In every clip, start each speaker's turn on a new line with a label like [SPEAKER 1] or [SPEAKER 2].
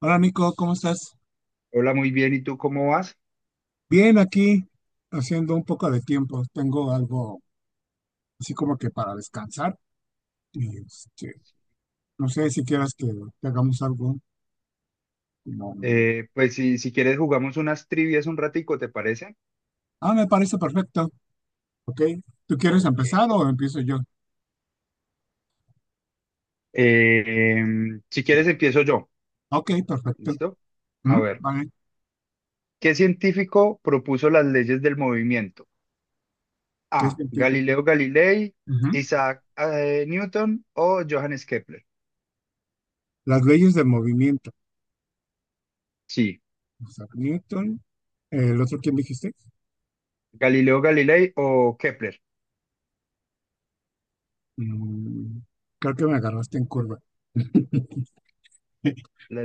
[SPEAKER 1] Hola Nico, ¿cómo estás?
[SPEAKER 2] Hola, muy bien. ¿Y tú cómo vas?
[SPEAKER 1] Bien, aquí haciendo un poco de tiempo. Tengo algo así como que para descansar. Y no sé si quieras que hagamos algo. como-
[SPEAKER 2] Pues si quieres jugamos unas trivias un ratico, ¿te parece?
[SPEAKER 1] Ah, me parece perfecto. Ok. ¿Tú quieres
[SPEAKER 2] Ok.
[SPEAKER 1] empezar o empiezo yo?
[SPEAKER 2] Eh, si quieres empiezo yo.
[SPEAKER 1] Ok, perfecto.
[SPEAKER 2] ¿Listo? A ver,
[SPEAKER 1] Vale,
[SPEAKER 2] ¿qué científico propuso las leyes del movimiento?
[SPEAKER 1] ¿qué es
[SPEAKER 2] A.
[SPEAKER 1] mentira?
[SPEAKER 2] Galileo Galilei,
[SPEAKER 1] Ujú.
[SPEAKER 2] Isaac Newton o Johannes Kepler.
[SPEAKER 1] Las leyes del movimiento.
[SPEAKER 2] Sí,
[SPEAKER 1] Isaac Newton. ¿El otro quién dijiste?
[SPEAKER 2] Galileo Galilei o Kepler.
[SPEAKER 1] Mm, Creo que me agarraste en curva.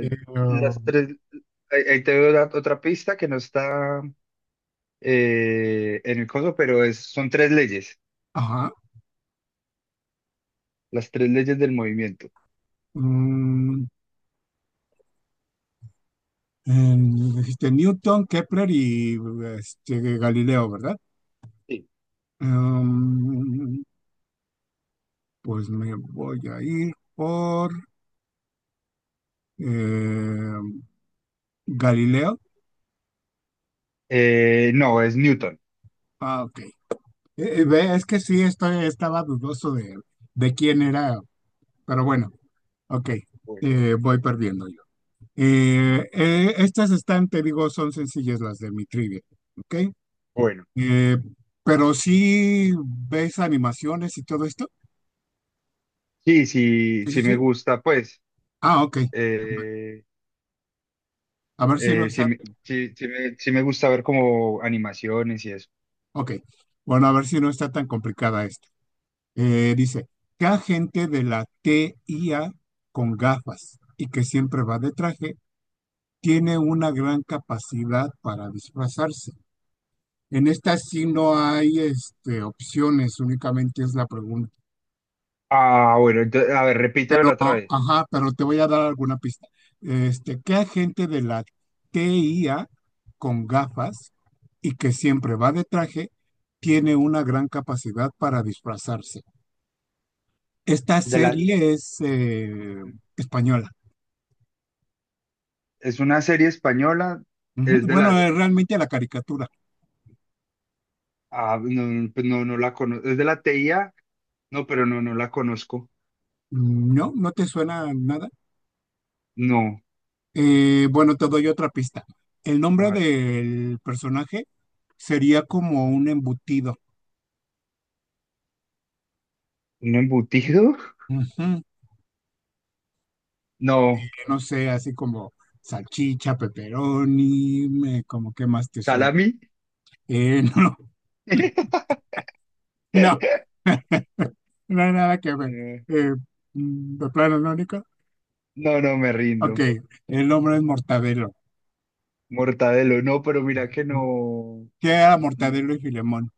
[SPEAKER 1] Eh,
[SPEAKER 2] las
[SPEAKER 1] um,
[SPEAKER 2] tres. Ahí te doy otra pista que no está en el coso, pero son tres leyes.
[SPEAKER 1] ajá.
[SPEAKER 2] Las tres leyes del movimiento.
[SPEAKER 1] Mm, Dijiste Newton, Kepler y Galileo, ¿verdad?
[SPEAKER 2] Sí.
[SPEAKER 1] Em, pues me voy a ir por em, Galileo.
[SPEAKER 2] No, es Newton.
[SPEAKER 1] Ah, ok. Ve, es que sí, estaba dudoso de quién era, pero bueno, ok.
[SPEAKER 2] Bueno.
[SPEAKER 1] Voy perdiendo yo. Estas están, te digo, son sencillas las de mi trivia, ¿ok?
[SPEAKER 2] Bueno,
[SPEAKER 1] Eh, pero sí ves animaciones y todo esto.
[SPEAKER 2] sí, sí,
[SPEAKER 1] Sí, sí,
[SPEAKER 2] sí me
[SPEAKER 1] sí.
[SPEAKER 2] gusta, pues.
[SPEAKER 1] Ah, ok.
[SPEAKER 2] eh,
[SPEAKER 1] A ver si no
[SPEAKER 2] sí,
[SPEAKER 1] está.
[SPEAKER 2] sí me gusta ver como animaciones y eso.
[SPEAKER 1] Ok. Bueno, a ver si no está tan complicada esta. Dice, ¿qué agente de la TIA con gafas y que siempre va de traje tiene una gran capacidad para disfrazarse? En esta sí no hay opciones, únicamente es la pregunta.
[SPEAKER 2] Ah, bueno, a ver, repítemelo otra
[SPEAKER 1] No,
[SPEAKER 2] vez.
[SPEAKER 1] ajá, pero te voy a dar alguna pista. Este, ¿qué agente de la TIA con gafas y que siempre va de traje tiene una gran capacidad para disfrazarse? Esta
[SPEAKER 2] De la,
[SPEAKER 1] serie es española.
[SPEAKER 2] es una serie española,
[SPEAKER 1] Ujú.
[SPEAKER 2] es de
[SPEAKER 1] Bueno,
[SPEAKER 2] la,
[SPEAKER 1] es realmente la caricatura.
[SPEAKER 2] ah, no, no, pues no, no la conozco. Es de la TIA, no, pero no, no la conozco.
[SPEAKER 1] No, no te suena nada.
[SPEAKER 2] No,
[SPEAKER 1] Bueno, te doy otra pista. El
[SPEAKER 2] a
[SPEAKER 1] nombre
[SPEAKER 2] ver,
[SPEAKER 1] del personaje sería como un embutido.
[SPEAKER 2] ¿un embutido?
[SPEAKER 1] Ujú. Y
[SPEAKER 2] No,
[SPEAKER 1] no sé, así como salchicha, pepperoni, como qué más te suena.
[SPEAKER 2] salami.
[SPEAKER 1] No, no, no hay nada que ver.
[SPEAKER 2] No.
[SPEAKER 1] Eh, mm, de plano, ¿no, Nico?
[SPEAKER 2] No, no me
[SPEAKER 1] Ok,
[SPEAKER 2] rindo.
[SPEAKER 1] el nombre es Mortadelo.
[SPEAKER 2] Mortadelo, no, pero mira que no,
[SPEAKER 1] Que era
[SPEAKER 2] no,
[SPEAKER 1] Mortadelo y Filemón.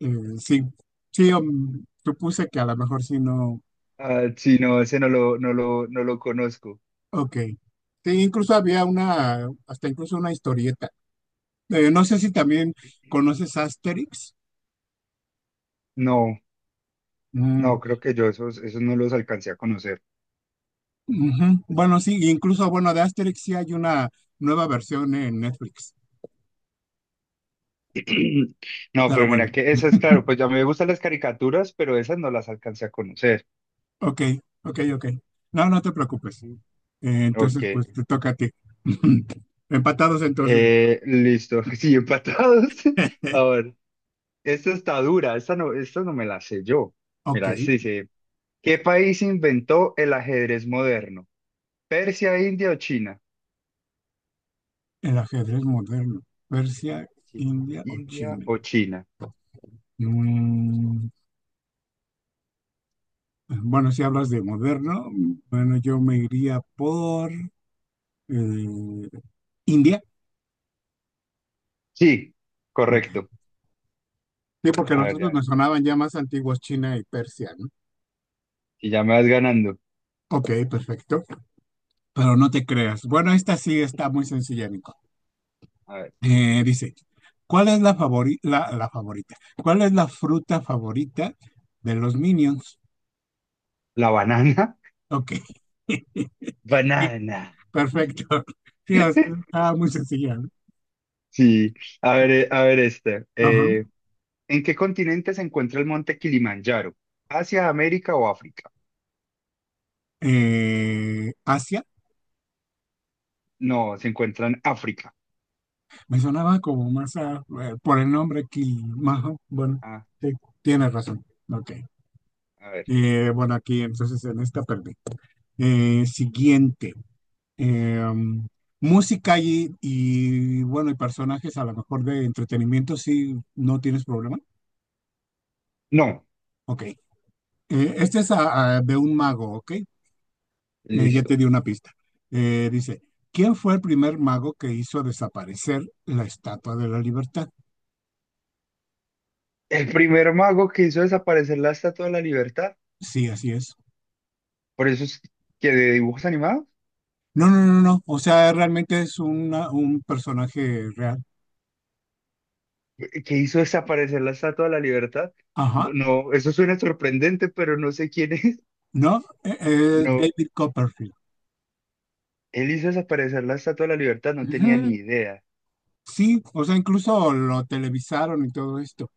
[SPEAKER 1] Eh, sí, sí, supuse que a lo mejor sí no.
[SPEAKER 2] ah, sí, no, ese no lo conozco.
[SPEAKER 1] Ok. Sí, incluso había una, hasta incluso una historieta. No sé si también conoces Asterix.
[SPEAKER 2] No,
[SPEAKER 1] Mm,
[SPEAKER 2] no, creo que yo esos no los alcancé a conocer.
[SPEAKER 1] ujú. Bueno, sí, incluso, bueno, de Asterix sí hay una nueva versión en Netflix.
[SPEAKER 2] No,
[SPEAKER 1] Pero
[SPEAKER 2] pero mira
[SPEAKER 1] bueno,
[SPEAKER 2] que esas, claro, pues ya me gustan las caricaturas, pero esas no las alcancé a conocer.
[SPEAKER 1] ok, ok, ok. No, no te preocupes.
[SPEAKER 2] Mm.
[SPEAKER 1] Entonces,
[SPEAKER 2] Ok,
[SPEAKER 1] pues te toca a ti. Empatados entonces.
[SPEAKER 2] listo, sí, empatados. A ver, esta está dura, esta no me la sé yo.
[SPEAKER 1] Ok.
[SPEAKER 2] Mira, este dice, ¿qué país inventó el ajedrez moderno? ¿Persia, India o China?
[SPEAKER 1] El ajedrez moderno, Persia,
[SPEAKER 2] Sí.
[SPEAKER 1] India o
[SPEAKER 2] India
[SPEAKER 1] China.
[SPEAKER 2] o China.
[SPEAKER 1] Mm, bueno, si hablas de moderno, bueno, yo me iría por eh, India.
[SPEAKER 2] Sí,
[SPEAKER 1] ¿No?
[SPEAKER 2] correcto.
[SPEAKER 1] Sí, porque
[SPEAKER 2] A
[SPEAKER 1] los
[SPEAKER 2] ver,
[SPEAKER 1] otros
[SPEAKER 2] ya,
[SPEAKER 1] me sonaban ya más antiguos, China y Persia, ¿no?
[SPEAKER 2] si ya me vas ganando.
[SPEAKER 1] Ok, perfecto. Pero no te creas. Bueno, esta sí está muy sencilla, Nico.
[SPEAKER 2] A ver,
[SPEAKER 1] Dice, ¿cuál es la favorita? ¿Cuál es la fruta favorita de los Minions?
[SPEAKER 2] la banana.
[SPEAKER 1] Ok.
[SPEAKER 2] Banana.
[SPEAKER 1] Perfecto. Sí, o sea, estaba muy sencilla. ¿No?
[SPEAKER 2] Sí. A ver, a ver este.
[SPEAKER 1] Ajá.
[SPEAKER 2] ¿En qué continente se encuentra el monte Kilimanjaro? ¿Asia, América o África?
[SPEAKER 1] Asia,
[SPEAKER 2] No, se encuentra en África.
[SPEAKER 1] me sonaba como más por el nombre aquí. Ajá, bueno,
[SPEAKER 2] Ah,
[SPEAKER 1] sí, tienes razón. Ok.
[SPEAKER 2] a ver.
[SPEAKER 1] Bueno, aquí entonces en esta perdí. Siguiente. Eh, música bueno, y personajes a lo mejor de entretenimiento, si no tienes problema.
[SPEAKER 2] No,
[SPEAKER 1] Ok. Este es de un mago, ¿ok? Ya te
[SPEAKER 2] listo.
[SPEAKER 1] di una pista. Dice, ¿quién fue el primer mago que hizo desaparecer la Estatua de la Libertad?
[SPEAKER 2] El primer mago que hizo desaparecer la Estatua de la Libertad.
[SPEAKER 1] Sí, así es.
[SPEAKER 2] Por eso es que de dibujos animados.
[SPEAKER 1] No, no, no, no. O sea, realmente es un personaje real.
[SPEAKER 2] Que hizo desaparecer la Estatua de la Libertad.
[SPEAKER 1] Ajá.
[SPEAKER 2] No, no, eso suena sorprendente, pero no sé quién es.
[SPEAKER 1] ¿No?
[SPEAKER 2] No,
[SPEAKER 1] David Copperfield.
[SPEAKER 2] él hizo desaparecer la Estatua de la Libertad, no tenía
[SPEAKER 1] Ujú.
[SPEAKER 2] ni idea.
[SPEAKER 1] Sí, o sea, incluso lo televisaron y todo esto.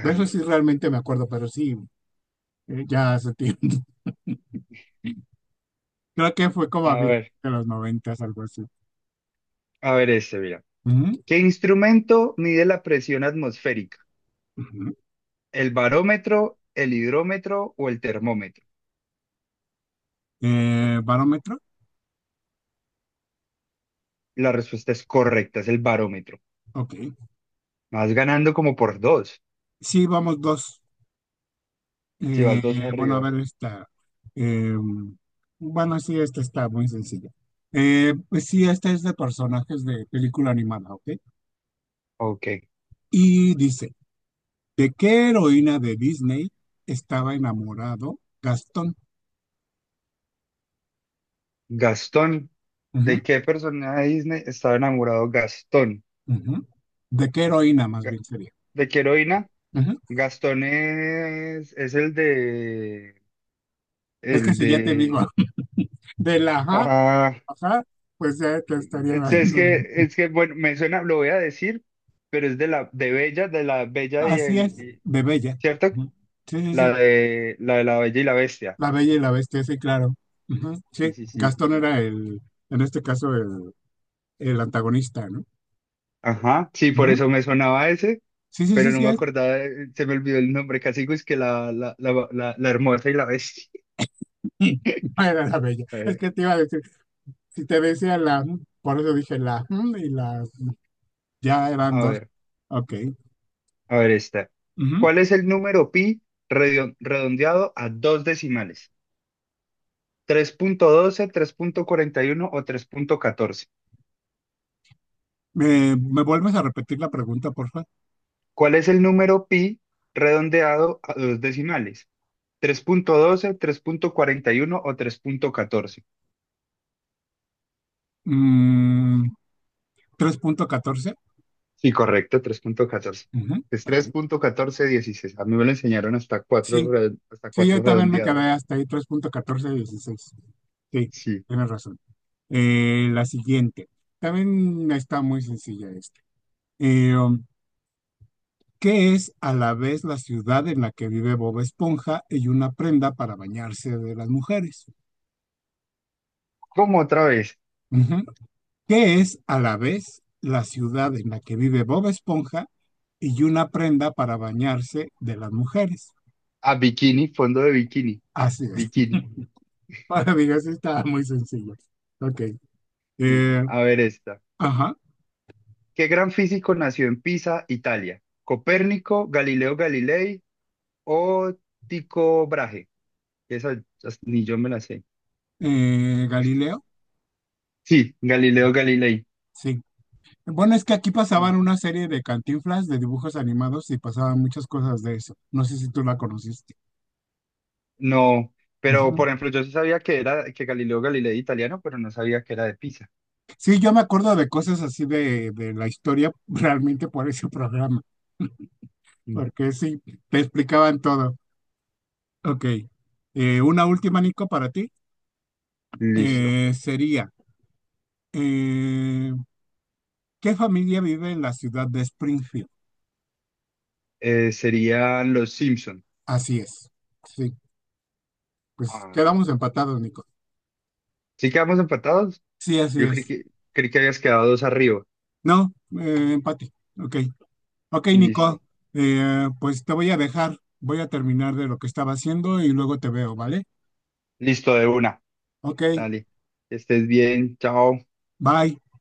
[SPEAKER 1] De eso sí realmente me acuerdo, pero sí, ya hace tiempo. Creo que fue como a
[SPEAKER 2] a
[SPEAKER 1] finales
[SPEAKER 2] ver,
[SPEAKER 1] de los noventas, algo así.
[SPEAKER 2] a ver este, mira.
[SPEAKER 1] Ujú,
[SPEAKER 2] ¿Qué instrumento mide la presión atmosférica?
[SPEAKER 1] ujú.
[SPEAKER 2] ¿El barómetro, el hidrómetro o el termómetro?
[SPEAKER 1] ¿Barómetro?
[SPEAKER 2] La respuesta es correcta, es el barómetro.
[SPEAKER 1] Ok.
[SPEAKER 2] Vas ganando como por dos,
[SPEAKER 1] Sí, vamos dos.
[SPEAKER 2] si vas
[SPEAKER 1] Eh,
[SPEAKER 2] dos
[SPEAKER 1] bueno, a
[SPEAKER 2] arriba.
[SPEAKER 1] ver esta. Eh, bueno, sí, esta está muy sencilla. Pues sí, esta es de personajes de película animada, ¿ok?
[SPEAKER 2] Ok.
[SPEAKER 1] Y dice, ¿de qué heroína de Disney estaba enamorado Gastón?
[SPEAKER 2] Gastón,
[SPEAKER 1] Ujú,
[SPEAKER 2] ¿de qué personaje de Disney estaba enamorado Gastón?
[SPEAKER 1] ujú. ¿De qué heroína más bien sería?
[SPEAKER 2] ¿De qué heroína?
[SPEAKER 1] Ujú.
[SPEAKER 2] Gastón es el de,
[SPEAKER 1] Es que
[SPEAKER 2] el
[SPEAKER 1] si ya te digo,
[SPEAKER 2] de,
[SPEAKER 1] de la ajá,
[SPEAKER 2] ah,
[SPEAKER 1] ajá, pues ya te estaría dando.
[SPEAKER 2] es que, bueno, me suena, lo voy a decir, pero de Bella, de la Bella y
[SPEAKER 1] Así es, de Bella.
[SPEAKER 2] ¿cierto?
[SPEAKER 1] Ujú. Sí, sí,
[SPEAKER 2] La
[SPEAKER 1] sí.
[SPEAKER 2] de, la de la Bella y la Bestia.
[SPEAKER 1] La Bella y la Bestia, sí, claro. Ujú, sí,
[SPEAKER 2] Sí, sí, sí.
[SPEAKER 1] Gastón era el, en este caso, el antagonista, ¿no?
[SPEAKER 2] Ajá, sí, por
[SPEAKER 1] Ujú.
[SPEAKER 2] eso me sonaba ese,
[SPEAKER 1] Sí, sí,
[SPEAKER 2] pero
[SPEAKER 1] sí,
[SPEAKER 2] no
[SPEAKER 1] sí,
[SPEAKER 2] me
[SPEAKER 1] es.
[SPEAKER 2] acordaba, se me olvidó el nombre, casi es que la hermosa y la bestia.
[SPEAKER 1] No era la Bella.
[SPEAKER 2] A
[SPEAKER 1] Es
[SPEAKER 2] ver,
[SPEAKER 1] que te iba a decir, si te decía la, por eso dije la, mm, y las, ya eran
[SPEAKER 2] a
[SPEAKER 1] dos.
[SPEAKER 2] ver.
[SPEAKER 1] Ok.
[SPEAKER 2] A ver esta.
[SPEAKER 1] Ujú.
[SPEAKER 2] ¿Cuál es el número pi redondeado a dos decimales? Tres punto doce, tres punto cuarenta y uno o tres punto catorce.
[SPEAKER 1] Me vuelves a repetir la pregunta, porfa?
[SPEAKER 2] ¿Cuál es el número pi redondeado a dos decimales? Tres punto doce, tres punto cuarenta y uno o tres punto catorce.
[SPEAKER 1] Mm, 3.14.
[SPEAKER 2] Sí, correcto, 3.14.
[SPEAKER 1] Ujú,
[SPEAKER 2] Es
[SPEAKER 1] ok.
[SPEAKER 2] 3.1416. A mí me lo enseñaron
[SPEAKER 1] Sí,
[SPEAKER 2] hasta
[SPEAKER 1] sí, yo
[SPEAKER 2] cuatro
[SPEAKER 1] también me quedé
[SPEAKER 2] redondeados.
[SPEAKER 1] hasta ahí, 3.1416. Sí,
[SPEAKER 2] Sí.
[SPEAKER 1] tienes razón. La siguiente, también está muy sencilla esta. Eh, um, ¿Qué es a la vez la ciudad en la que vive Bob Esponja y una prenda para bañarse de las mujeres?
[SPEAKER 2] ¿Cómo otra vez?
[SPEAKER 1] Ujú. ¿Qué es a la vez la ciudad en la que vive Bob Esponja y una prenda para bañarse de las mujeres?
[SPEAKER 2] A bikini, fondo de bikini.
[SPEAKER 1] Así es.
[SPEAKER 2] Bikini.
[SPEAKER 1] Para mí, así está muy sencilla. Ok.
[SPEAKER 2] Sí.
[SPEAKER 1] Eh,
[SPEAKER 2] A ver esta.
[SPEAKER 1] ajá.
[SPEAKER 2] ¿Qué gran físico nació en Pisa, Italia? ¿Copérnico, Galileo Galilei o Tycho Brahe? Esa ni yo me la sé.
[SPEAKER 1] Galileo.
[SPEAKER 2] Sí, Galileo Galilei.
[SPEAKER 1] Sí. Bueno, es que aquí
[SPEAKER 2] Mm.
[SPEAKER 1] pasaban una serie de Cantinflas de dibujos animados y pasaban muchas cosas de eso. No sé si tú la conociste.
[SPEAKER 2] No, pero
[SPEAKER 1] Ujú.
[SPEAKER 2] por ejemplo, yo sí sabía que era que Galileo Galilei era italiano, pero no sabía que era de Pisa.
[SPEAKER 1] Sí, yo me acuerdo de cosas así de la historia realmente por ese programa,
[SPEAKER 2] Mm.
[SPEAKER 1] porque sí, te explicaban todo. Ok, una última, Nico, para ti
[SPEAKER 2] Listo.
[SPEAKER 1] sería, eh, ¿qué familia vive en la ciudad de Springfield?
[SPEAKER 2] Serían los Simpson.
[SPEAKER 1] Así es. Sí, pues
[SPEAKER 2] Ah,
[SPEAKER 1] quedamos empatados, Nico.
[SPEAKER 2] ¿sí quedamos empatados?
[SPEAKER 1] Sí, así
[SPEAKER 2] Yo creí
[SPEAKER 1] es.
[SPEAKER 2] que, creí que habías quedado dos arriba.
[SPEAKER 1] No, empate. Ok. Ok,
[SPEAKER 2] Listo.
[SPEAKER 1] Nico, pues te voy a dejar, voy a terminar de lo que estaba haciendo y luego te veo, ¿vale?
[SPEAKER 2] Listo, de una.
[SPEAKER 1] Ok,
[SPEAKER 2] Dale. Que estés bien. Chao.
[SPEAKER 1] bye.